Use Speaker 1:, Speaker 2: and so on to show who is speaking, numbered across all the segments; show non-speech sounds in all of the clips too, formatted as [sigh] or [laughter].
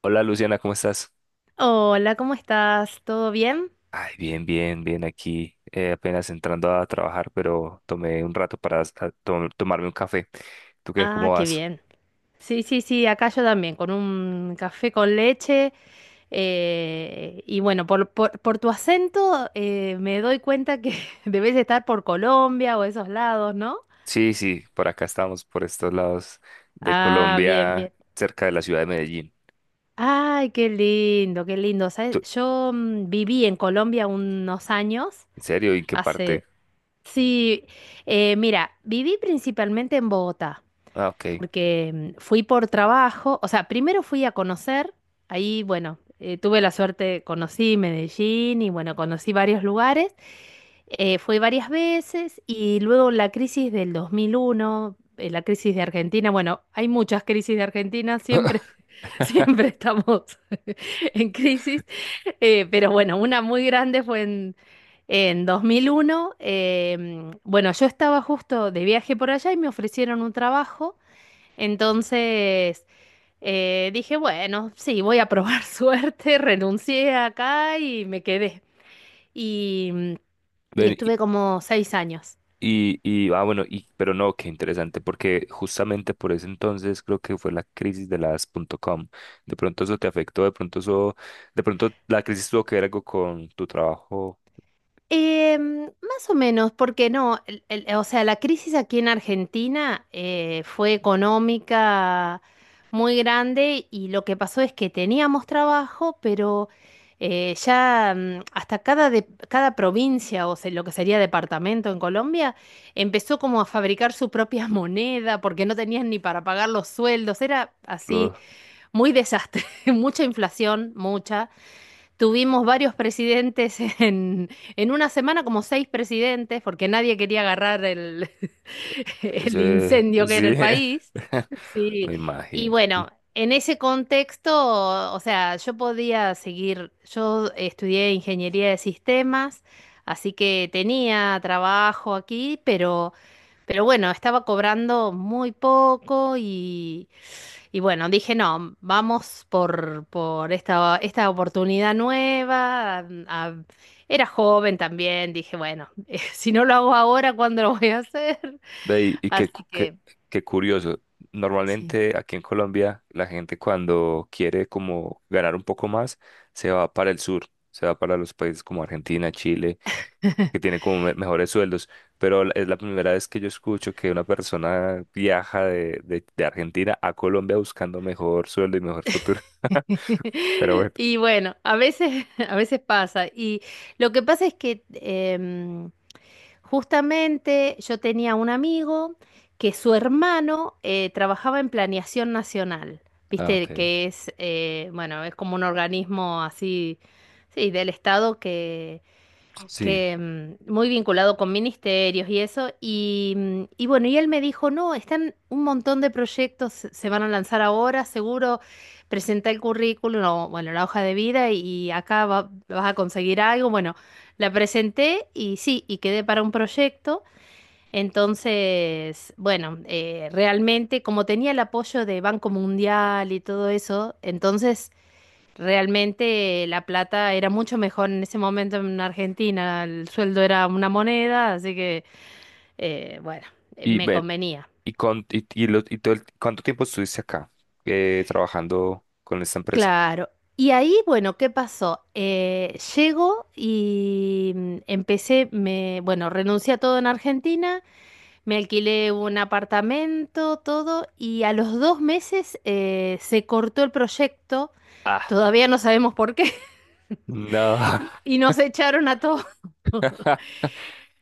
Speaker 1: Hola, Luciana, ¿cómo estás?
Speaker 2: Hola, ¿cómo estás? ¿Todo bien?
Speaker 1: Ay, bien, bien, bien aquí, apenas entrando a trabajar, pero tomé un rato para tomarme un café. ¿Tú qué?
Speaker 2: Ah,
Speaker 1: ¿Cómo
Speaker 2: qué
Speaker 1: vas?
Speaker 2: bien. Sí, sí, sí, acá yo también, con un café con leche. Y bueno, por tu acento, me doy cuenta que [laughs] debes estar por Colombia o esos lados, ¿no?
Speaker 1: Sí, sí, por acá estamos, por estos lados de
Speaker 2: Ah, bien,
Speaker 1: Colombia,
Speaker 2: bien.
Speaker 1: cerca de la ciudad de Medellín.
Speaker 2: Ay, qué lindo, qué lindo. ¿Sabes?
Speaker 1: ¿Tú-
Speaker 2: Yo viví en Colombia unos años,
Speaker 1: ¿En serio? ¿Y en qué parte?
Speaker 2: hace... Sí, mira, viví principalmente en Bogotá.
Speaker 1: Ah, ok.
Speaker 2: Porque fui por trabajo, o sea, primero fui a conocer. Ahí, bueno, tuve la suerte, conocí Medellín y bueno, conocí varios lugares. Fui varias veces y luego la crisis del 2001, la crisis de Argentina. Bueno, hay muchas crisis de Argentina, siempre, [laughs] siempre
Speaker 1: [laughs]
Speaker 2: estamos [laughs] en crisis. Pero bueno, una muy grande fue en 2001. Bueno, yo estaba justo de viaje por allá y me ofrecieron un trabajo, entonces dije, bueno, sí, voy a probar [laughs] suerte, renuncié acá y me quedé. Y, y
Speaker 1: Ven,
Speaker 2: estuve como 6 años.
Speaker 1: Pero no, qué interesante, porque justamente por ese entonces creo que fue la crisis de las punto .com. De pronto eso te afectó, de pronto eso, de pronto la crisis tuvo que ver algo con tu trabajo.
Speaker 2: Más o menos, porque no, o sea, la crisis aquí en Argentina fue económica muy grande, y lo que pasó es que teníamos trabajo, pero ya, hasta cada provincia, o sea, lo que sería departamento en Colombia, empezó como a fabricar su propia [laughs] moneda porque no tenían ni para pagar los sueldos. Era
Speaker 1: lo-
Speaker 2: así muy desastre, [laughs] mucha inflación, mucha. Tuvimos varios presidentes [laughs] en una semana, como seis presidentes, porque nadie quería agarrar [laughs] el
Speaker 1: Ese,
Speaker 2: incendio que era
Speaker 1: sí.
Speaker 2: el país.
Speaker 1: [laughs]
Speaker 2: Sí,
Speaker 1: Me
Speaker 2: y
Speaker 1: imagino.
Speaker 2: bueno, en ese contexto, o sea, yo podía seguir. Yo estudié ingeniería de sistemas, así que tenía trabajo aquí, pero bueno, estaba cobrando muy poco, y bueno, dije, no, vamos por esta oportunidad nueva. Era joven también, dije, bueno, [laughs] si no lo hago ahora, ¿cuándo lo voy a hacer?
Speaker 1: Ve, y qué,
Speaker 2: Así
Speaker 1: cu- qué,
Speaker 2: que
Speaker 1: Qué curioso.
Speaker 2: sí.
Speaker 1: Normalmente aquí en Colombia la gente, cuando quiere como ganar un poco más, se va para el sur, se va para los países como Argentina, Chile,
Speaker 2: [laughs]
Speaker 1: que tiene como mejores sueldos, pero es la primera vez que yo escucho que una persona viaja de Argentina a Colombia buscando mejor sueldo y mejor futuro. [laughs] Pero bueno.
Speaker 2: [laughs] Y bueno, a veces, [laughs] a veces pasa. Y lo que pasa es que justamente yo tenía un amigo que su hermano trabajaba en Planeación Nacional,
Speaker 1: Ah,
Speaker 2: viste,
Speaker 1: ok.
Speaker 2: que es, bueno, es como un organismo así, sí, del Estado,
Speaker 1: Sí.
Speaker 2: que muy vinculado con ministerios y eso. Y, y bueno, y él me dijo, no, están un montón de proyectos, se van a lanzar ahora, seguro, presenta el currículum, o, bueno, la hoja de vida y acá vas a conseguir algo. Bueno, la presenté y sí, y quedé para un proyecto. Entonces, bueno, realmente como tenía el apoyo de Banco Mundial y todo eso, entonces realmente la plata era mucho mejor en ese momento en Argentina, el sueldo era una moneda, así que bueno,
Speaker 1: Y
Speaker 2: me
Speaker 1: ven,
Speaker 2: convenía.
Speaker 1: y con y, lo- y todo el- ¿cuánto tiempo estuviste acá trabajando con esta empresa?
Speaker 2: Claro. Y ahí, bueno, ¿qué pasó? Llego y empecé, me, bueno, renuncié a todo en Argentina, me alquilé un apartamento, todo, y a los 2 meses se cortó el proyecto,
Speaker 1: Ah,
Speaker 2: todavía no sabemos por qué. [laughs]
Speaker 1: no.
Speaker 2: Y nos echaron a todos. [laughs]
Speaker 1: [laughs]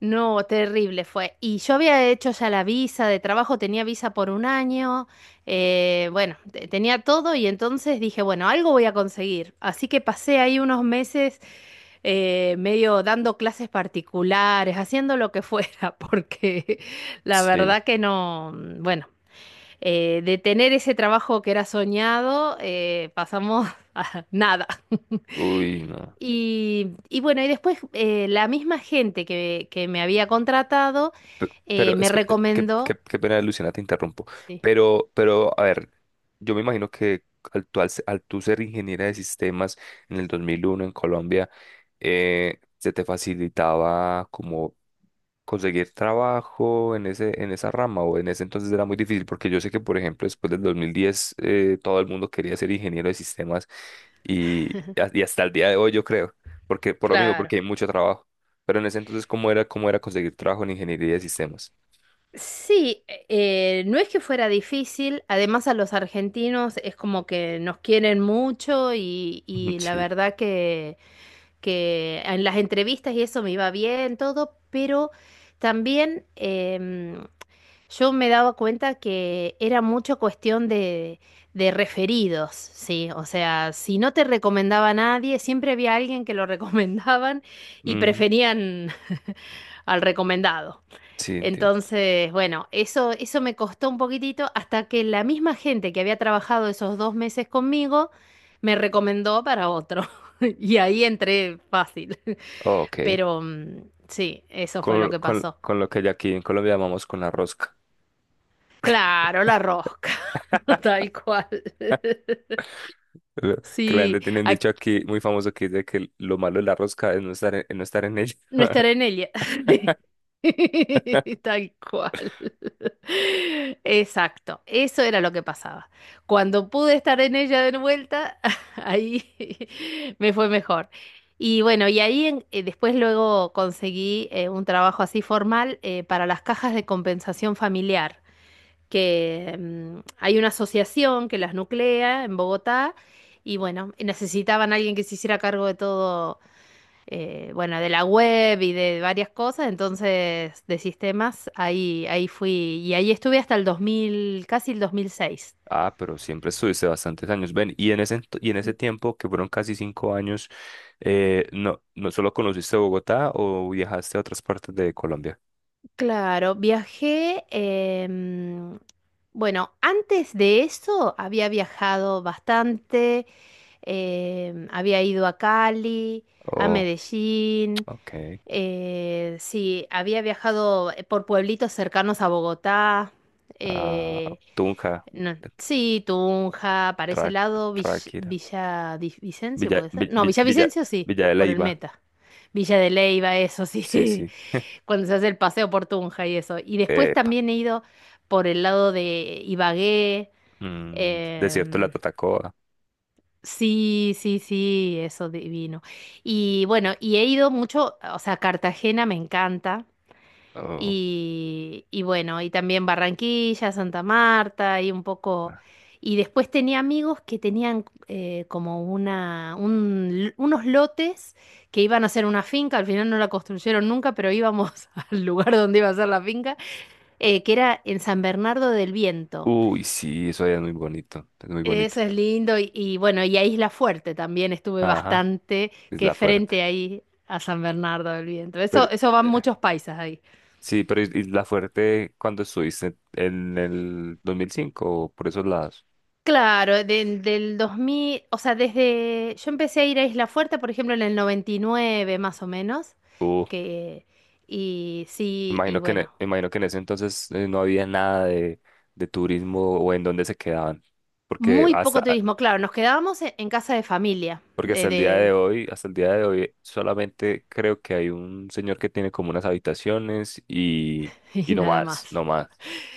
Speaker 2: No, terrible fue. Y yo había hecho ya la visa de trabajo, tenía visa por un año, bueno, tenía todo y entonces dije, bueno, algo voy a conseguir. Así que pasé ahí unos meses medio dando clases particulares, haciendo lo que fuera, [laughs] porque la
Speaker 1: Sí.
Speaker 2: verdad que no, bueno, de tener ese trabajo que era soñado, pasamos [laughs] a nada.
Speaker 1: Uy, no.
Speaker 2: Y bueno, y después la misma gente que, me había contratado,
Speaker 1: Pe- Pero,
Speaker 2: me recomendó.
Speaker 1: qué pena, Luciana, te interrumpo.
Speaker 2: Sí.
Speaker 1: A ver, yo me imagino que al tú ser ingeniera de sistemas en el 2001 en Colombia, ¿se te facilitaba como conseguir trabajo en ese, en esa rama, o en ese entonces era muy difícil? Porque yo sé que, por ejemplo, después del 2010, todo el mundo quería ser ingeniero de sistemas y, y hasta el día de hoy, yo creo, porque por lo mismo, porque
Speaker 2: Claro.
Speaker 1: hay mucho trabajo. Pero en ese entonces, cómo era conseguir trabajo en ingeniería de sistemas?
Speaker 2: Sí, no es que fuera difícil, además a los argentinos es como que nos quieren mucho.
Speaker 1: Ujú.
Speaker 2: Y la
Speaker 1: Sí,
Speaker 2: verdad que en las entrevistas y eso me iba bien todo, pero también yo me daba cuenta que era mucho cuestión de referidos, sí. O sea, si no te recomendaba a nadie, siempre había alguien que lo [laughs] recomendaban y
Speaker 1: ujú.
Speaker 2: preferían al recomendado.
Speaker 1: Sí, entiendo.
Speaker 2: Entonces, bueno, eso me costó un poquitito hasta que la misma gente que había trabajado esos 2 meses conmigo me recomendó para otro. [laughs] Y ahí entré fácil. [laughs]
Speaker 1: Ok.
Speaker 2: Pero sí, eso fue lo que pasó.
Speaker 1: Con lo que ya aquí en Colombia llamamos con la rosca.
Speaker 2: Claro, la rosca, [laughs] tal cual.
Speaker 1: Lo- Que la
Speaker 2: Sí,
Speaker 1: gente tiene un
Speaker 2: ac-
Speaker 1: dicho aquí muy famoso que dice que lo malo de la rosca es no estar en, no estar en ella.
Speaker 2: no estaré en ella. [laughs]
Speaker 1: [laughs]
Speaker 2: Tal cual. Exacto, eso era lo que pasaba. Cuando pude estar en ella de vuelta, [laughs] ahí [laughs] me fue mejor. Y bueno, y ahí después luego conseguí un trabajo así formal, para las cajas de compensación familiar, que hay una asociación que las nuclea en Bogotá. Y bueno, necesitaban a alguien que se hiciera cargo de todo, bueno, de la web y de varias cosas, entonces de sistemas. Ahí fui, y ahí estuve hasta el 2000, casi el 2006.
Speaker 1: Ah, pero siempre estuviste bastantes años. Ven, y en ese, y en ese
Speaker 2: Sí.
Speaker 1: tiempo, que fueron casi cinco años, ¿no solo conociste Bogotá o viajaste a otras partes de Colombia?
Speaker 2: Claro, viajé. Bueno, antes de eso había viajado bastante. Había ido a Cali, a
Speaker 1: Oh,
Speaker 2: Medellín,
Speaker 1: ok.
Speaker 2: sí, había viajado por pueblitos cercanos a Bogotá.
Speaker 1: Ah,
Speaker 2: eh,
Speaker 1: Tunja.
Speaker 2: No, sí, Tunja, para ese
Speaker 1: Tra-
Speaker 2: lado.
Speaker 1: Ráquira,
Speaker 2: Villa, Vicencio
Speaker 1: Villa,
Speaker 2: puede ser.
Speaker 1: Vi-
Speaker 2: No,
Speaker 1: Vi- Villa,
Speaker 2: Villavicencio sí,
Speaker 1: Villa de
Speaker 2: por el
Speaker 1: Leyva.
Speaker 2: Meta. Villa de Leyva, eso
Speaker 1: Sí,
Speaker 2: sí,
Speaker 1: sí.
Speaker 2: [laughs] cuando se hace el paseo por Tunja y eso. Y después
Speaker 1: Epa.
Speaker 2: también he ido por el lado de Ibagué.
Speaker 1: Mm, desierto de la
Speaker 2: em,
Speaker 1: Tatacoa.
Speaker 2: sí, sí, sí, eso divino. Y bueno, y he ido mucho, o sea, Cartagena me encanta.
Speaker 1: Oh,
Speaker 2: Y bueno, y también Barranquilla, Santa Marta y un poco...
Speaker 1: ah.
Speaker 2: Y después tenía amigos que tenían como unos lotes que iban a hacer una finca. Al final no la construyeron nunca, pero íbamos [laughs] al lugar donde iba a ser la finca, que era en San Bernardo del Viento.
Speaker 1: Uy, sí, eso allá es muy bonito. Es muy bonito.
Speaker 2: Eso es lindo. Y bueno, y a Isla Fuerte también estuve
Speaker 1: Ajá,
Speaker 2: bastante, que
Speaker 1: Isla
Speaker 2: es
Speaker 1: Fuerte.
Speaker 2: frente ahí a San Bernardo del Viento.
Speaker 1: Pero,
Speaker 2: Eso, van
Speaker 1: eh,
Speaker 2: muchos paisas ahí.
Speaker 1: sí, pero Isla Fuerte, ¿cuando estuviste en el 2005 o por esos lados?
Speaker 2: Claro, del 2000, o sea, desde yo empecé a ir a Isla Fuerte, por ejemplo, en el 99 más o menos,
Speaker 1: Uh,
Speaker 2: que y sí, y
Speaker 1: imagino que
Speaker 2: bueno,
Speaker 1: imagino que en ese entonces no había nada de, de turismo, o ¿en dónde se quedaban? Porque
Speaker 2: muy poco
Speaker 1: hasta,
Speaker 2: turismo, claro, nos quedábamos en casa de familia,
Speaker 1: porque hasta el día de
Speaker 2: de
Speaker 1: hoy, hasta el día de hoy, solamente creo que hay un señor que tiene como unas habitaciones,
Speaker 2: [laughs]
Speaker 1: y
Speaker 2: y
Speaker 1: no
Speaker 2: nada
Speaker 1: más,
Speaker 2: más.
Speaker 1: no más.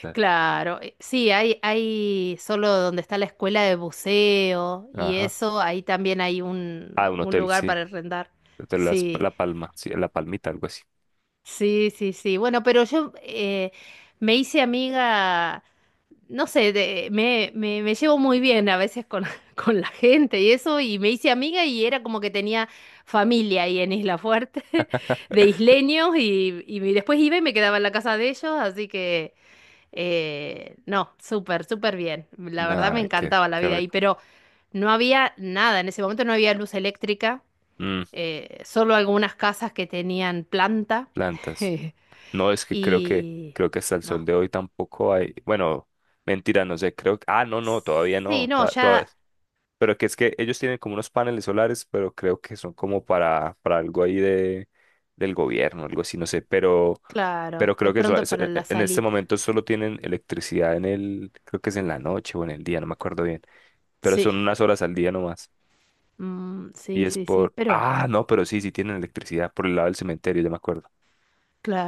Speaker 1: O sea.
Speaker 2: Claro, sí, hay solo donde está la escuela de buceo y
Speaker 1: Ajá.
Speaker 2: eso, ahí también hay
Speaker 1: Ah, un
Speaker 2: un
Speaker 1: hotel,
Speaker 2: lugar
Speaker 1: sí.
Speaker 2: para rentar.
Speaker 1: Hotel
Speaker 2: Sí.
Speaker 1: La Palma, sí, La Palmita, algo así.
Speaker 2: Sí, sí, sí. Bueno, pero yo me hice amiga, no sé, me llevo muy bien a veces con, [laughs] con la gente y eso, y me hice amiga y era como que tenía familia ahí en Isla Fuerte, [laughs] de isleños. Y después iba y me quedaba en la casa de ellos, así que no, súper, súper bien. La verdad me
Speaker 1: Ah, qué,
Speaker 2: encantaba la
Speaker 1: qué
Speaker 2: vida ahí,
Speaker 1: rico.
Speaker 2: pero no había nada. En ese momento no había luz eléctrica,
Speaker 1: Mm,
Speaker 2: solo algunas casas que tenían planta,
Speaker 1: plantas. No, es
Speaker 2: [laughs]
Speaker 1: que creo que,
Speaker 2: y...
Speaker 1: creo que hasta el sol
Speaker 2: No.
Speaker 1: de hoy tampoco hay. Bueno, mentira, no sé, creo que. Ah, no, no, todavía
Speaker 2: Sí,
Speaker 1: no.
Speaker 2: no, ya.
Speaker 1: Pero que es que ellos tienen como unos paneles solares, pero creo que son como para algo ahí de, del gobierno, algo así, no sé.
Speaker 2: Claro,
Speaker 1: Pero
Speaker 2: de
Speaker 1: creo que
Speaker 2: pronto para la
Speaker 1: en este
Speaker 2: salita.
Speaker 1: momento solo tienen electricidad en el, creo que es en la noche o en el día, no me acuerdo bien. Pero
Speaker 2: Sí,
Speaker 1: son unas horas al día nomás. Y
Speaker 2: sí,
Speaker 1: es
Speaker 2: sí, sí,
Speaker 1: por,
Speaker 2: pero
Speaker 1: ah, no, pero sí, sí tienen electricidad por el lado del cementerio, ya me acuerdo.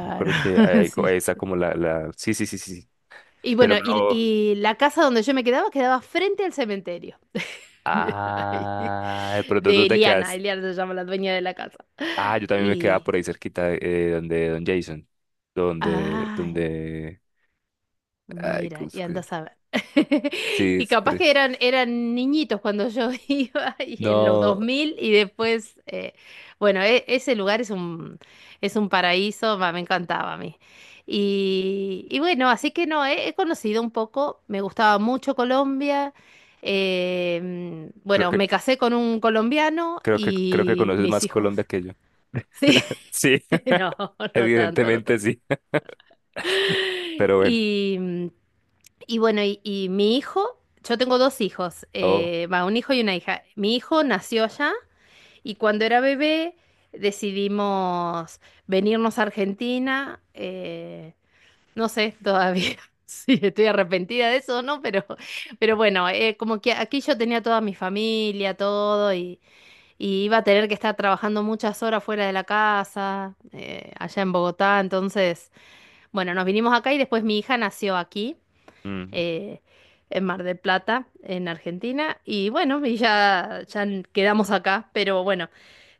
Speaker 1: Me acuerdo que ahí,
Speaker 2: [laughs]
Speaker 1: hay ahí
Speaker 2: sí.
Speaker 1: está como la, sí, sí, sí, sí, sí.
Speaker 2: Y
Speaker 1: Pero
Speaker 2: bueno,
Speaker 1: no,
Speaker 2: y la casa donde yo me quedaba quedaba frente al cementerio. [laughs] Mira, ahí.
Speaker 1: ah, de pronto
Speaker 2: De
Speaker 1: tú te
Speaker 2: Eliana,
Speaker 1: quedaste.
Speaker 2: Eliana se llama la dueña de la casa.
Speaker 1: Ah, yo también me quedaba
Speaker 2: Y,
Speaker 1: por ahí cerquita, donde Don Jason. Donde,
Speaker 2: ay,
Speaker 1: donde. Ay,
Speaker 2: mira,
Speaker 1: ¿cómo es
Speaker 2: y
Speaker 1: que-
Speaker 2: andas a ver. [laughs]
Speaker 1: Sí,
Speaker 2: Y
Speaker 1: es
Speaker 2: capaz que eran niñitos cuando yo [laughs] iba y en los dos
Speaker 1: no,
Speaker 2: mil y después, bueno, ese lugar es un paraíso, va, me encantaba a mí. Y bueno, así que no, he conocido un poco, me gustaba mucho Colombia.
Speaker 1: creo
Speaker 2: Bueno,
Speaker 1: que,
Speaker 2: me casé con un colombiano
Speaker 1: creo que, creo que
Speaker 2: y
Speaker 1: conoces
Speaker 2: mis
Speaker 1: más
Speaker 2: hijos.
Speaker 1: Colombia que yo.
Speaker 2: Sí,
Speaker 1: [laughs] Sí,
Speaker 2: [laughs] no,
Speaker 1: [laughs]
Speaker 2: no tanto, no
Speaker 1: evidentemente
Speaker 2: tanto.
Speaker 1: sí. [laughs] Pero bueno.
Speaker 2: Y, y bueno, y mi hijo, yo tengo dos hijos,
Speaker 1: Oh.
Speaker 2: va, un hijo y una hija. Mi hijo nació allá y cuando era bebé decidimos venirnos a Argentina. No sé todavía [laughs] si estoy arrepentida de eso o no, pero bueno, como que aquí yo tenía toda mi familia, todo, y iba a tener que estar trabajando muchas horas fuera de la casa, allá en Bogotá. Entonces, bueno, nos vinimos acá y después mi hija nació aquí,
Speaker 1: Ujú.
Speaker 2: eh, en Mar del Plata, en Argentina. Y bueno, y ya quedamos acá, pero bueno,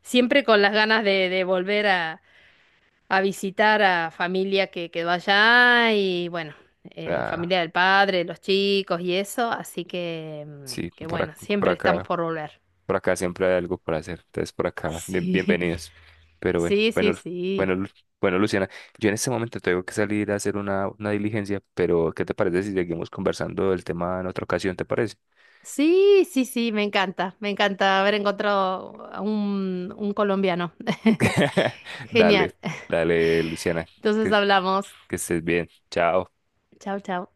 Speaker 2: siempre con las ganas de volver a visitar a familia que quedó allá. Y bueno,
Speaker 1: Ah,
Speaker 2: familia del padre, los chicos y eso. Así que,
Speaker 1: sí,
Speaker 2: que
Speaker 1: por,
Speaker 2: bueno,
Speaker 1: por
Speaker 2: siempre estamos
Speaker 1: acá.
Speaker 2: por volver.
Speaker 1: Por acá siempre hay algo para hacer. Entonces, por acá,
Speaker 2: Sí,
Speaker 1: bienvenidos.
Speaker 2: [laughs]
Speaker 1: Pero bueno,
Speaker 2: sí, sí,
Speaker 1: bueno,
Speaker 2: sí.
Speaker 1: bueno, bueno, Luciana, yo en este momento tengo que salir a hacer una diligencia, pero ¿qué te parece si seguimos conversando del tema en otra ocasión? ¿Te parece?
Speaker 2: Sí, sí, sí, me encanta haber encontrado a un colombiano. [laughs]
Speaker 1: [laughs] Dale,
Speaker 2: Genial.
Speaker 1: dale, Luciana,
Speaker 2: Entonces
Speaker 1: que,
Speaker 2: hablamos.
Speaker 1: que estés bien. Chao.
Speaker 2: Chao, chao.